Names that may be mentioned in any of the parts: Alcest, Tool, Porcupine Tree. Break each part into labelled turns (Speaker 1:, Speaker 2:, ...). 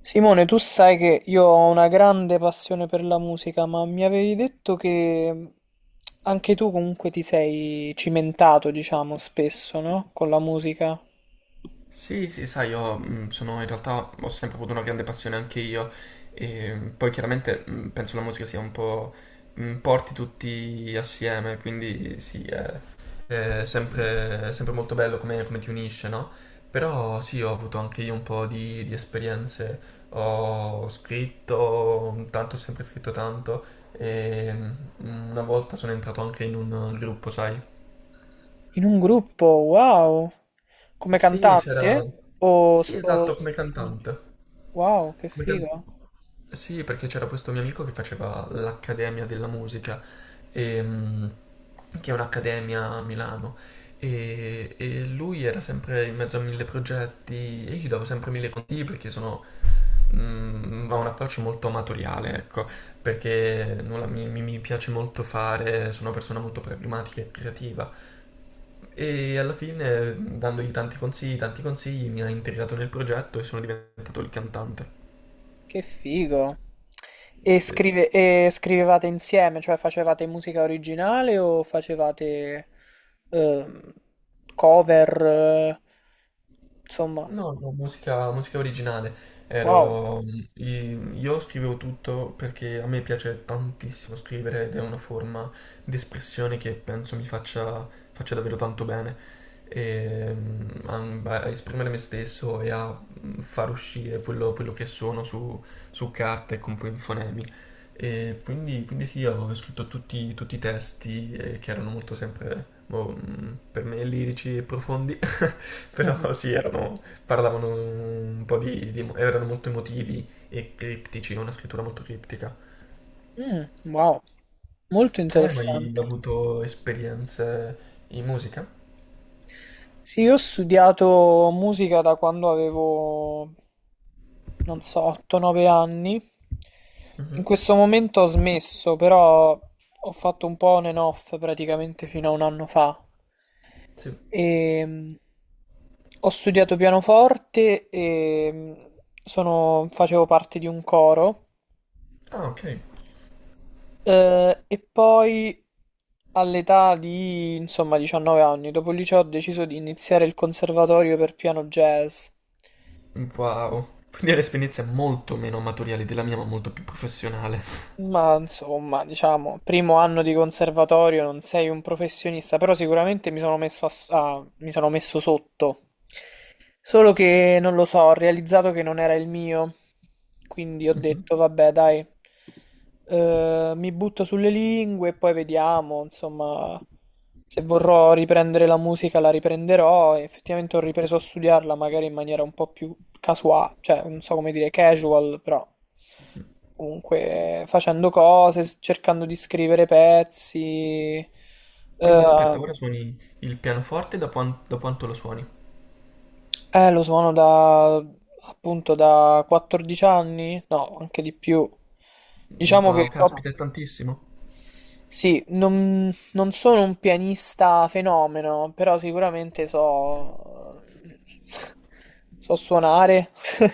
Speaker 1: Simone, tu sai che io ho una grande passione per la musica, ma mi avevi detto che anche tu comunque ti sei cimentato, diciamo, spesso, no? Con la musica.
Speaker 2: Sì, sì, sai, io sono in realtà ho sempre avuto una grande passione anche io e poi chiaramente penso la musica sia un po' porti tutti assieme, quindi sì, è sempre molto bello come, come ti unisce, no? Però sì, ho avuto anche io un po' di esperienze, ho scritto, tanto ho sempre scritto tanto e una volta sono entrato anche in un gruppo, sai?
Speaker 1: In un gruppo, wow! Come
Speaker 2: Sì, c'era...
Speaker 1: cantante?
Speaker 2: Sì,
Speaker 1: O...
Speaker 2: esatto, come cantante.
Speaker 1: Wow, che
Speaker 2: Megan-
Speaker 1: figo!
Speaker 2: Sì, perché c'era questo mio amico che faceva l'Accademia della Musica, ehm, che è un'accademia a Milano, e lui era sempre in mezzo a mille progetti e io gli davo sempre mille consigli perché sono, ha un approccio molto amatoriale, ecco, perché nulla, mi piace molto fare, sono una persona molto pragmatica e creativa. E alla fine, dandogli tanti consigli, mi ha integrato nel progetto e sono diventato il cantante.
Speaker 1: Che figo. E,
Speaker 2: Sì.
Speaker 1: e scrivevate insieme, cioè facevate musica originale o facevate ehm, cover, insomma.
Speaker 2: No, no, musica, musica originale.
Speaker 1: Wow.
Speaker 2: Ero, io scrivevo tutto perché a me piace tantissimo scrivere ed è una forma di espressione che penso mi faccia, faccia davvero tanto bene. E, a, a esprimere me stesso e a far uscire quello, quello che sono su, su carta e con poi in fonemi. E quindi, quindi sì, avevo scritto tutti, tutti i testi che erano molto sempre boh, per me lirici e profondi.
Speaker 1: Mhm.
Speaker 2: Però sì, erano, parlavano un po' erano molto emotivi e criptici, una scrittura molto criptica.
Speaker 1: Mm, wow, molto
Speaker 2: Tu hai mai
Speaker 1: interessante.
Speaker 2: avuto esperienze in musica?
Speaker 1: Sì, io ho studiato musica da quando avevo, non so, 8-9 anni. In
Speaker 2: Mhm.
Speaker 1: questo momento ho smesso, però ho fatto un po' on and off praticamente fino a un anno fa.
Speaker 2: Sì.
Speaker 1: E ho studiato pianoforte e facevo parte di un coro.
Speaker 2: Ah, ok.
Speaker 1: E poi all'età di, insomma, 19 anni, dopo il liceo ho deciso di iniziare il conservatorio per piano jazz.
Speaker 2: Wow. Quindi è un'esperienza molto meno amatoriale della mia, ma molto più professionale.
Speaker 1: Ma insomma, diciamo, primo anno di conservatorio, non sei un professionista, però sicuramente mi sono messo, mi sono messo sotto. Solo che non lo so, ho realizzato che non era il mio, quindi ho
Speaker 2: Mhm.
Speaker 1: detto, vabbè, dai, mi butto sulle lingue e poi vediamo, insomma, se vorrò riprendere la musica la riprenderò. E effettivamente ho ripreso a studiarla magari in maniera un po' più casuale, cioè non so come dire, casual, però.
Speaker 2: Mhm.
Speaker 1: Comunque facendo cose, cercando di scrivere pezzi.
Speaker 2: Quindi aspetta,
Speaker 1: Eh,
Speaker 2: ora suoni il pianoforte, da, da quanto lo suoni?
Speaker 1: lo suono da appunto da 14 anni? No, anche di più. Diciamo
Speaker 2: Wow,
Speaker 1: che ho...
Speaker 2: caspita, è tantissimo.
Speaker 1: Sì, non, non sono un pianista fenomeno, però sicuramente so, so suonare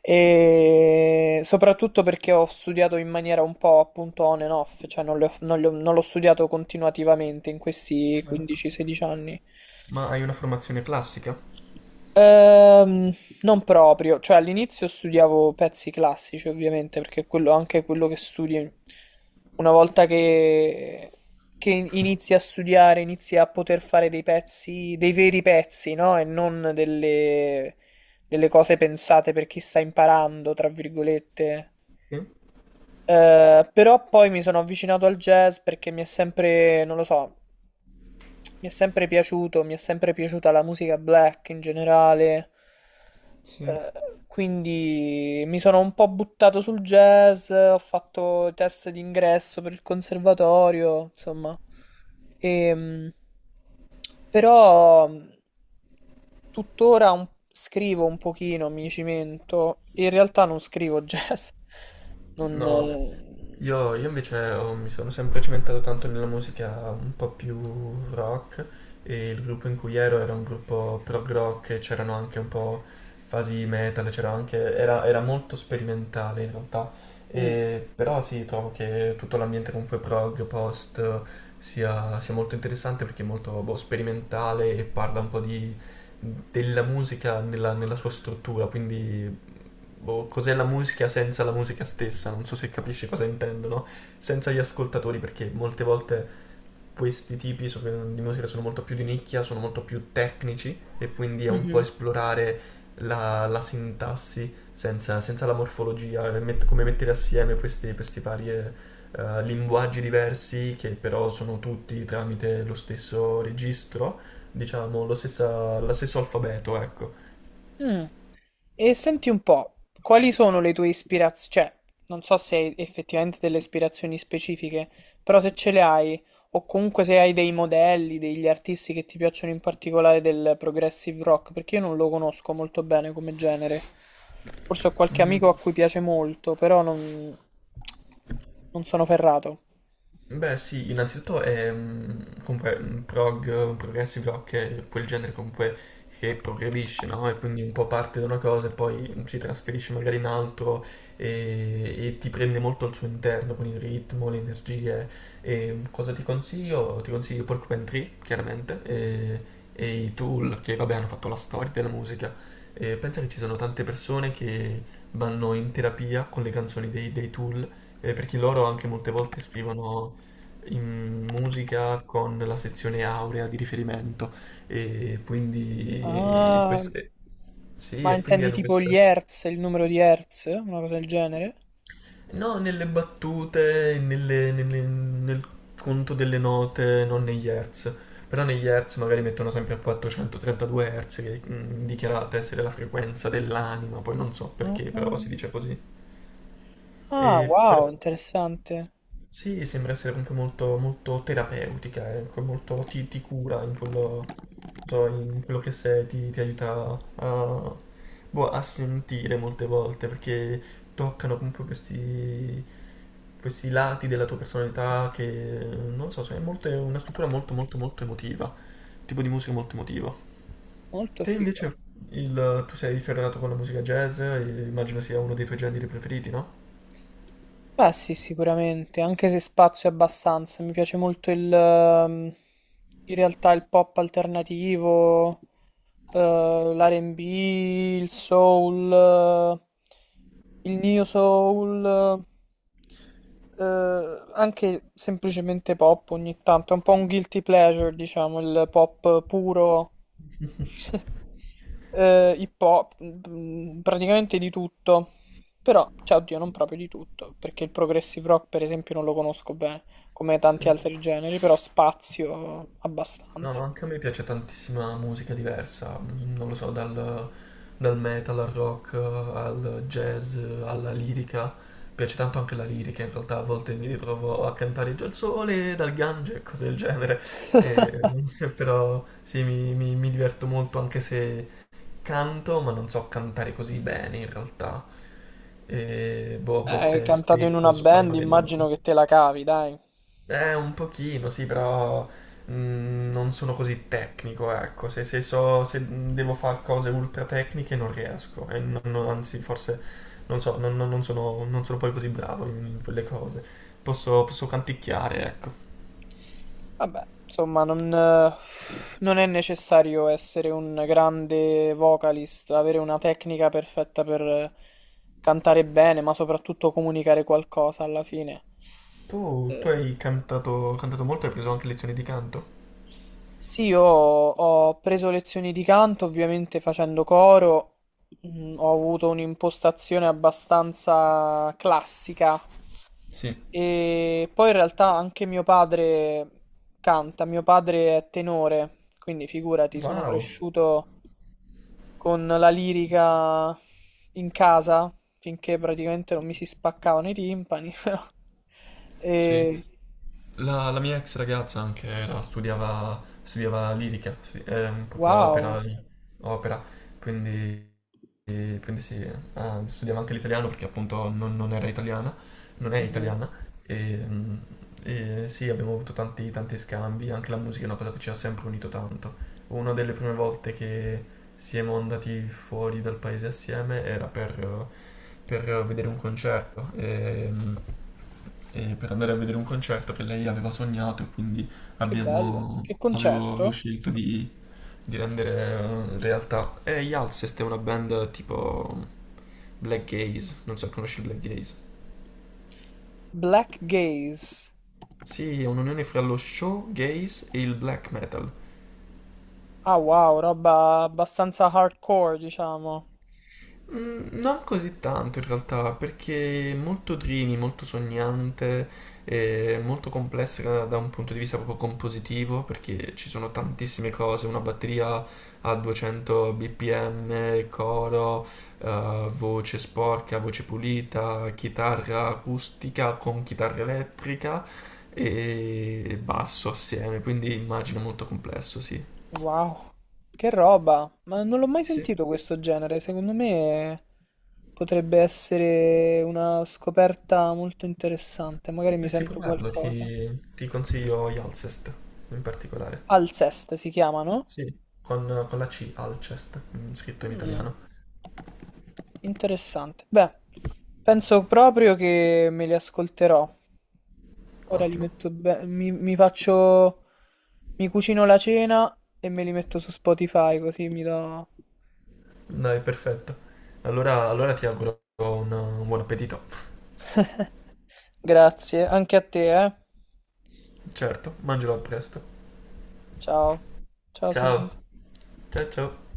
Speaker 1: e soprattutto perché ho studiato in maniera un po' appunto on and off, cioè non le ho- non le ho- non l'ho studiato continuativamente in questi
Speaker 2: Certo.
Speaker 1: 15-16 anni.
Speaker 2: Ma hai una formazione classica?
Speaker 1: Ehm, non proprio, cioè all'inizio studiavo pezzi classici ovviamente perché è quello, anche quello che studi una volta che inizi a studiare, inizi a poter fare dei pezzi, dei veri pezzi, no? E non delle, delle cose pensate per chi sta imparando, tra virgolette.
Speaker 2: Sì.
Speaker 1: Però poi mi sono avvicinato al jazz perché mi è sempre, non lo so, mi è sempre piaciuto, mi è sempre piaciuta la musica black in generale.
Speaker 2: Sì.
Speaker 1: Eh, quindi mi sono un po' buttato sul jazz, ho fatto test d'ingresso per il conservatorio, insomma. Ehm, però tuttora scrivo un pochino, mi cimento. In realtà non scrivo jazz, Non...
Speaker 2: No, io invece mi sono sempre cimentato tanto nella musica un po' più rock e il gruppo in cui ero era un gruppo prog rock e c'erano anche un po' fasi metal, c'era anche, era, era molto sperimentale in realtà,
Speaker 1: mm,
Speaker 2: Però sì, trovo che tutto l'ambiente comunque prog, post sia, sia molto interessante perché è molto boh, sperimentale e parla un po' di, della musica nella, nella sua struttura, quindi boh, cos'è la musica senza la musica stessa, non so se capisci cosa intendo, no? Senza gli ascoltatori, perché molte volte questi tipi di musica sono molto più di nicchia, sono molto più tecnici e quindi è un po'
Speaker 1: mhm,
Speaker 2: esplorare la, la sintassi senza, senza la morfologia, e come mettere assieme questi, questi vari linguaggi diversi che però sono tutti tramite lo stesso registro, diciamo, lo stesso alfabeto, ecco.
Speaker 1: mm. E senti un po', quali sono le tue ispirazioni? Cioè, non so se hai effettivamente delle ispirazioni specifiche, però se ce le hai, o comunque se hai dei modelli, degli artisti che ti piacciono in particolare del progressive rock, perché io non lo conosco molto bene come genere. Forse ho qualche
Speaker 2: Mm.
Speaker 1: amico a cui piace molto, però non, non sono ferrato.
Speaker 2: Beh, sì, innanzitutto è comunque un progressive rock è quel genere comunque che progredisce, no? E quindi un po' parte da una cosa e poi si trasferisce magari in altro e ti prende molto al suo interno con il ritmo, le energie. E cosa ti consiglio? Ti consiglio Porcupine Tree, chiaramente, e i Tool che vabbè hanno fatto la storia della musica. E pensa che ci sono tante persone che vanno in terapia con le canzoni dei Tool perché loro anche molte volte scrivono in musica con la sezione aurea di riferimento e quindi
Speaker 1: Ah,
Speaker 2: sì,
Speaker 1: ma
Speaker 2: e quindi
Speaker 1: intendi
Speaker 2: hanno
Speaker 1: tipo
Speaker 2: questa
Speaker 1: gli hertz, il numero di hertz, una cosa del genere?
Speaker 2: no, nelle battute, nel conto delle note, non negli hertz. Però negli hertz magari mettono sempre a 432 hertz che è dichiarata essere la frequenza dell'anima, poi non so
Speaker 1: Ah,
Speaker 2: perché, però si
Speaker 1: ah,
Speaker 2: dice così.
Speaker 1: ah,
Speaker 2: E
Speaker 1: wow,
Speaker 2: però-
Speaker 1: interessante.
Speaker 2: Sì, sembra essere comunque molto, molto terapeutica, ecco, molto ti, ti cura in quello, so, in quello che sei, ti aiuta a, boh, a sentire molte volte, perché toccano comunque questi, questi lati della tua personalità che, non so, cioè, è è una scrittura molto, molto, molto emotiva, tipo di musica molto emotiva.
Speaker 1: Molto
Speaker 2: Te
Speaker 1: figo.
Speaker 2: invece, tu sei ferrato con la musica jazz, e immagino sia uno dei tuoi generi preferiti, no?
Speaker 1: Beh, sì, sicuramente, anche se spazio è abbastanza. Mi piace molto il, in realtà il pop alternativo, l'R&B, il soul, il neo soul, anche semplicemente pop ogni tanto. È un po' un guilty pleasure, diciamo, il pop puro hip hop, mm, mm, praticamente di tutto. Però, cioè, oddio, non proprio di tutto, perché il progressive rock, per esempio, non lo conosco bene, come tanti
Speaker 2: Sì.
Speaker 1: altri generi, però spazio
Speaker 2: No,
Speaker 1: abbastanza.
Speaker 2: anche a me piace tantissima musica diversa, non lo so, dal, dal metal al rock al jazz alla lirica. Piace tanto anche la lirica, in realtà a volte mi ritrovo a cantare già il sole dal Gange e cose del genere. E, però sì, mi diverto molto anche se canto, ma non so cantare così bene in realtà. E, boh, a volte
Speaker 1: Cantato in una
Speaker 2: stecco,
Speaker 1: band,
Speaker 2: sbaglio le
Speaker 1: immagino
Speaker 2: note.
Speaker 1: che te la cavi, dai.
Speaker 2: Un pochino, sì, però non sono così tecnico, ecco. Se, se so, se devo fare cose ultra tecniche non riesco. E anzi, forse non so, non sono, non sono poi così bravo in quelle cose. Posso, posso canticchiare, ecco.
Speaker 1: Vabbè, insomma, non, non è necessario essere un grande vocalist, avere una tecnica perfetta per cantare bene, ma soprattutto comunicare qualcosa alla fine.
Speaker 2: Tu, tu
Speaker 1: Eh,
Speaker 2: hai cantato, cantato molto, hai preso anche lezioni di canto?
Speaker 1: Sì, io ho preso lezioni di canto, ovviamente facendo coro, mm, ho avuto un'impostazione abbastanza classica
Speaker 2: Sì.
Speaker 1: e poi in realtà anche mio padre canta, mio padre è tenore, quindi figurati, sono
Speaker 2: Wow,
Speaker 1: cresciuto con la lirica in casa finché praticamente non mi si spaccavano i timpani, però...
Speaker 2: sì.
Speaker 1: E...
Speaker 2: La, la mia ex ragazza anche studiava, studiava lirica, proprio opera,
Speaker 1: Wow,
Speaker 2: opera, quindi e prendessi, ah, studiava anche l'italiano perché appunto non, non era italiana, non è
Speaker 1: mhm.
Speaker 2: italiana e, e sì, abbiamo avuto tanti, tanti scambi, anche la musica è una cosa che ci ha sempre unito tanto. Una delle prime volte che siamo andati fuori dal paese assieme era per vedere un concerto, e, e per andare a vedere un concerto che lei aveva sognato e quindi
Speaker 1: Che bello,
Speaker 2: abbiamo,
Speaker 1: che
Speaker 2: avevo, avevo
Speaker 1: concerto!
Speaker 2: scelto di rendere realtà. E gli Alcest è una band tipo black gaze, non so, conosci il black gaze?
Speaker 1: Black Gaze.
Speaker 2: Sì, è un'unione fra lo show gaze e il black metal.
Speaker 1: Ah wow, roba abbastanza hardcore, diciamo.
Speaker 2: Mm. Non così tanto in realtà, perché è molto Drini, molto sognante, e molto complessa da da un punto di vista proprio compositivo, perché ci sono tantissime cose, una batteria a 200 bpm, coro, voce sporca, voce pulita, chitarra acustica con chitarra elettrica e basso assieme, quindi immagino molto complesso, sì.
Speaker 1: Wow, che roba. Ma non l'ho mai
Speaker 2: Sì.
Speaker 1: sentito questo genere. Secondo me potrebbe essere una scoperta molto interessante. Magari mi
Speaker 2: Dovresti
Speaker 1: sento
Speaker 2: provarlo,
Speaker 1: qualcosa.
Speaker 2: ti consiglio Alcest in particolare.
Speaker 1: Alcest si chiamano?
Speaker 2: Sì. Con la C, Alcest, scritto in
Speaker 1: Mm,
Speaker 2: italiano.
Speaker 1: interessante. Beh, penso proprio che me li ascolterò. Ora li
Speaker 2: Ottimo.
Speaker 1: metto mi, mi faccio, mi cucino la cena e me li metto su Spotify così mi do...
Speaker 2: Dai, perfetto. Allora, allora ti auguro un buon appetito.
Speaker 1: Grazie, anche a te, eh.
Speaker 2: Certo, mangerò presto.
Speaker 1: Ciao. Ciao
Speaker 2: Ciao.
Speaker 1: Simone.
Speaker 2: Ciao ciao.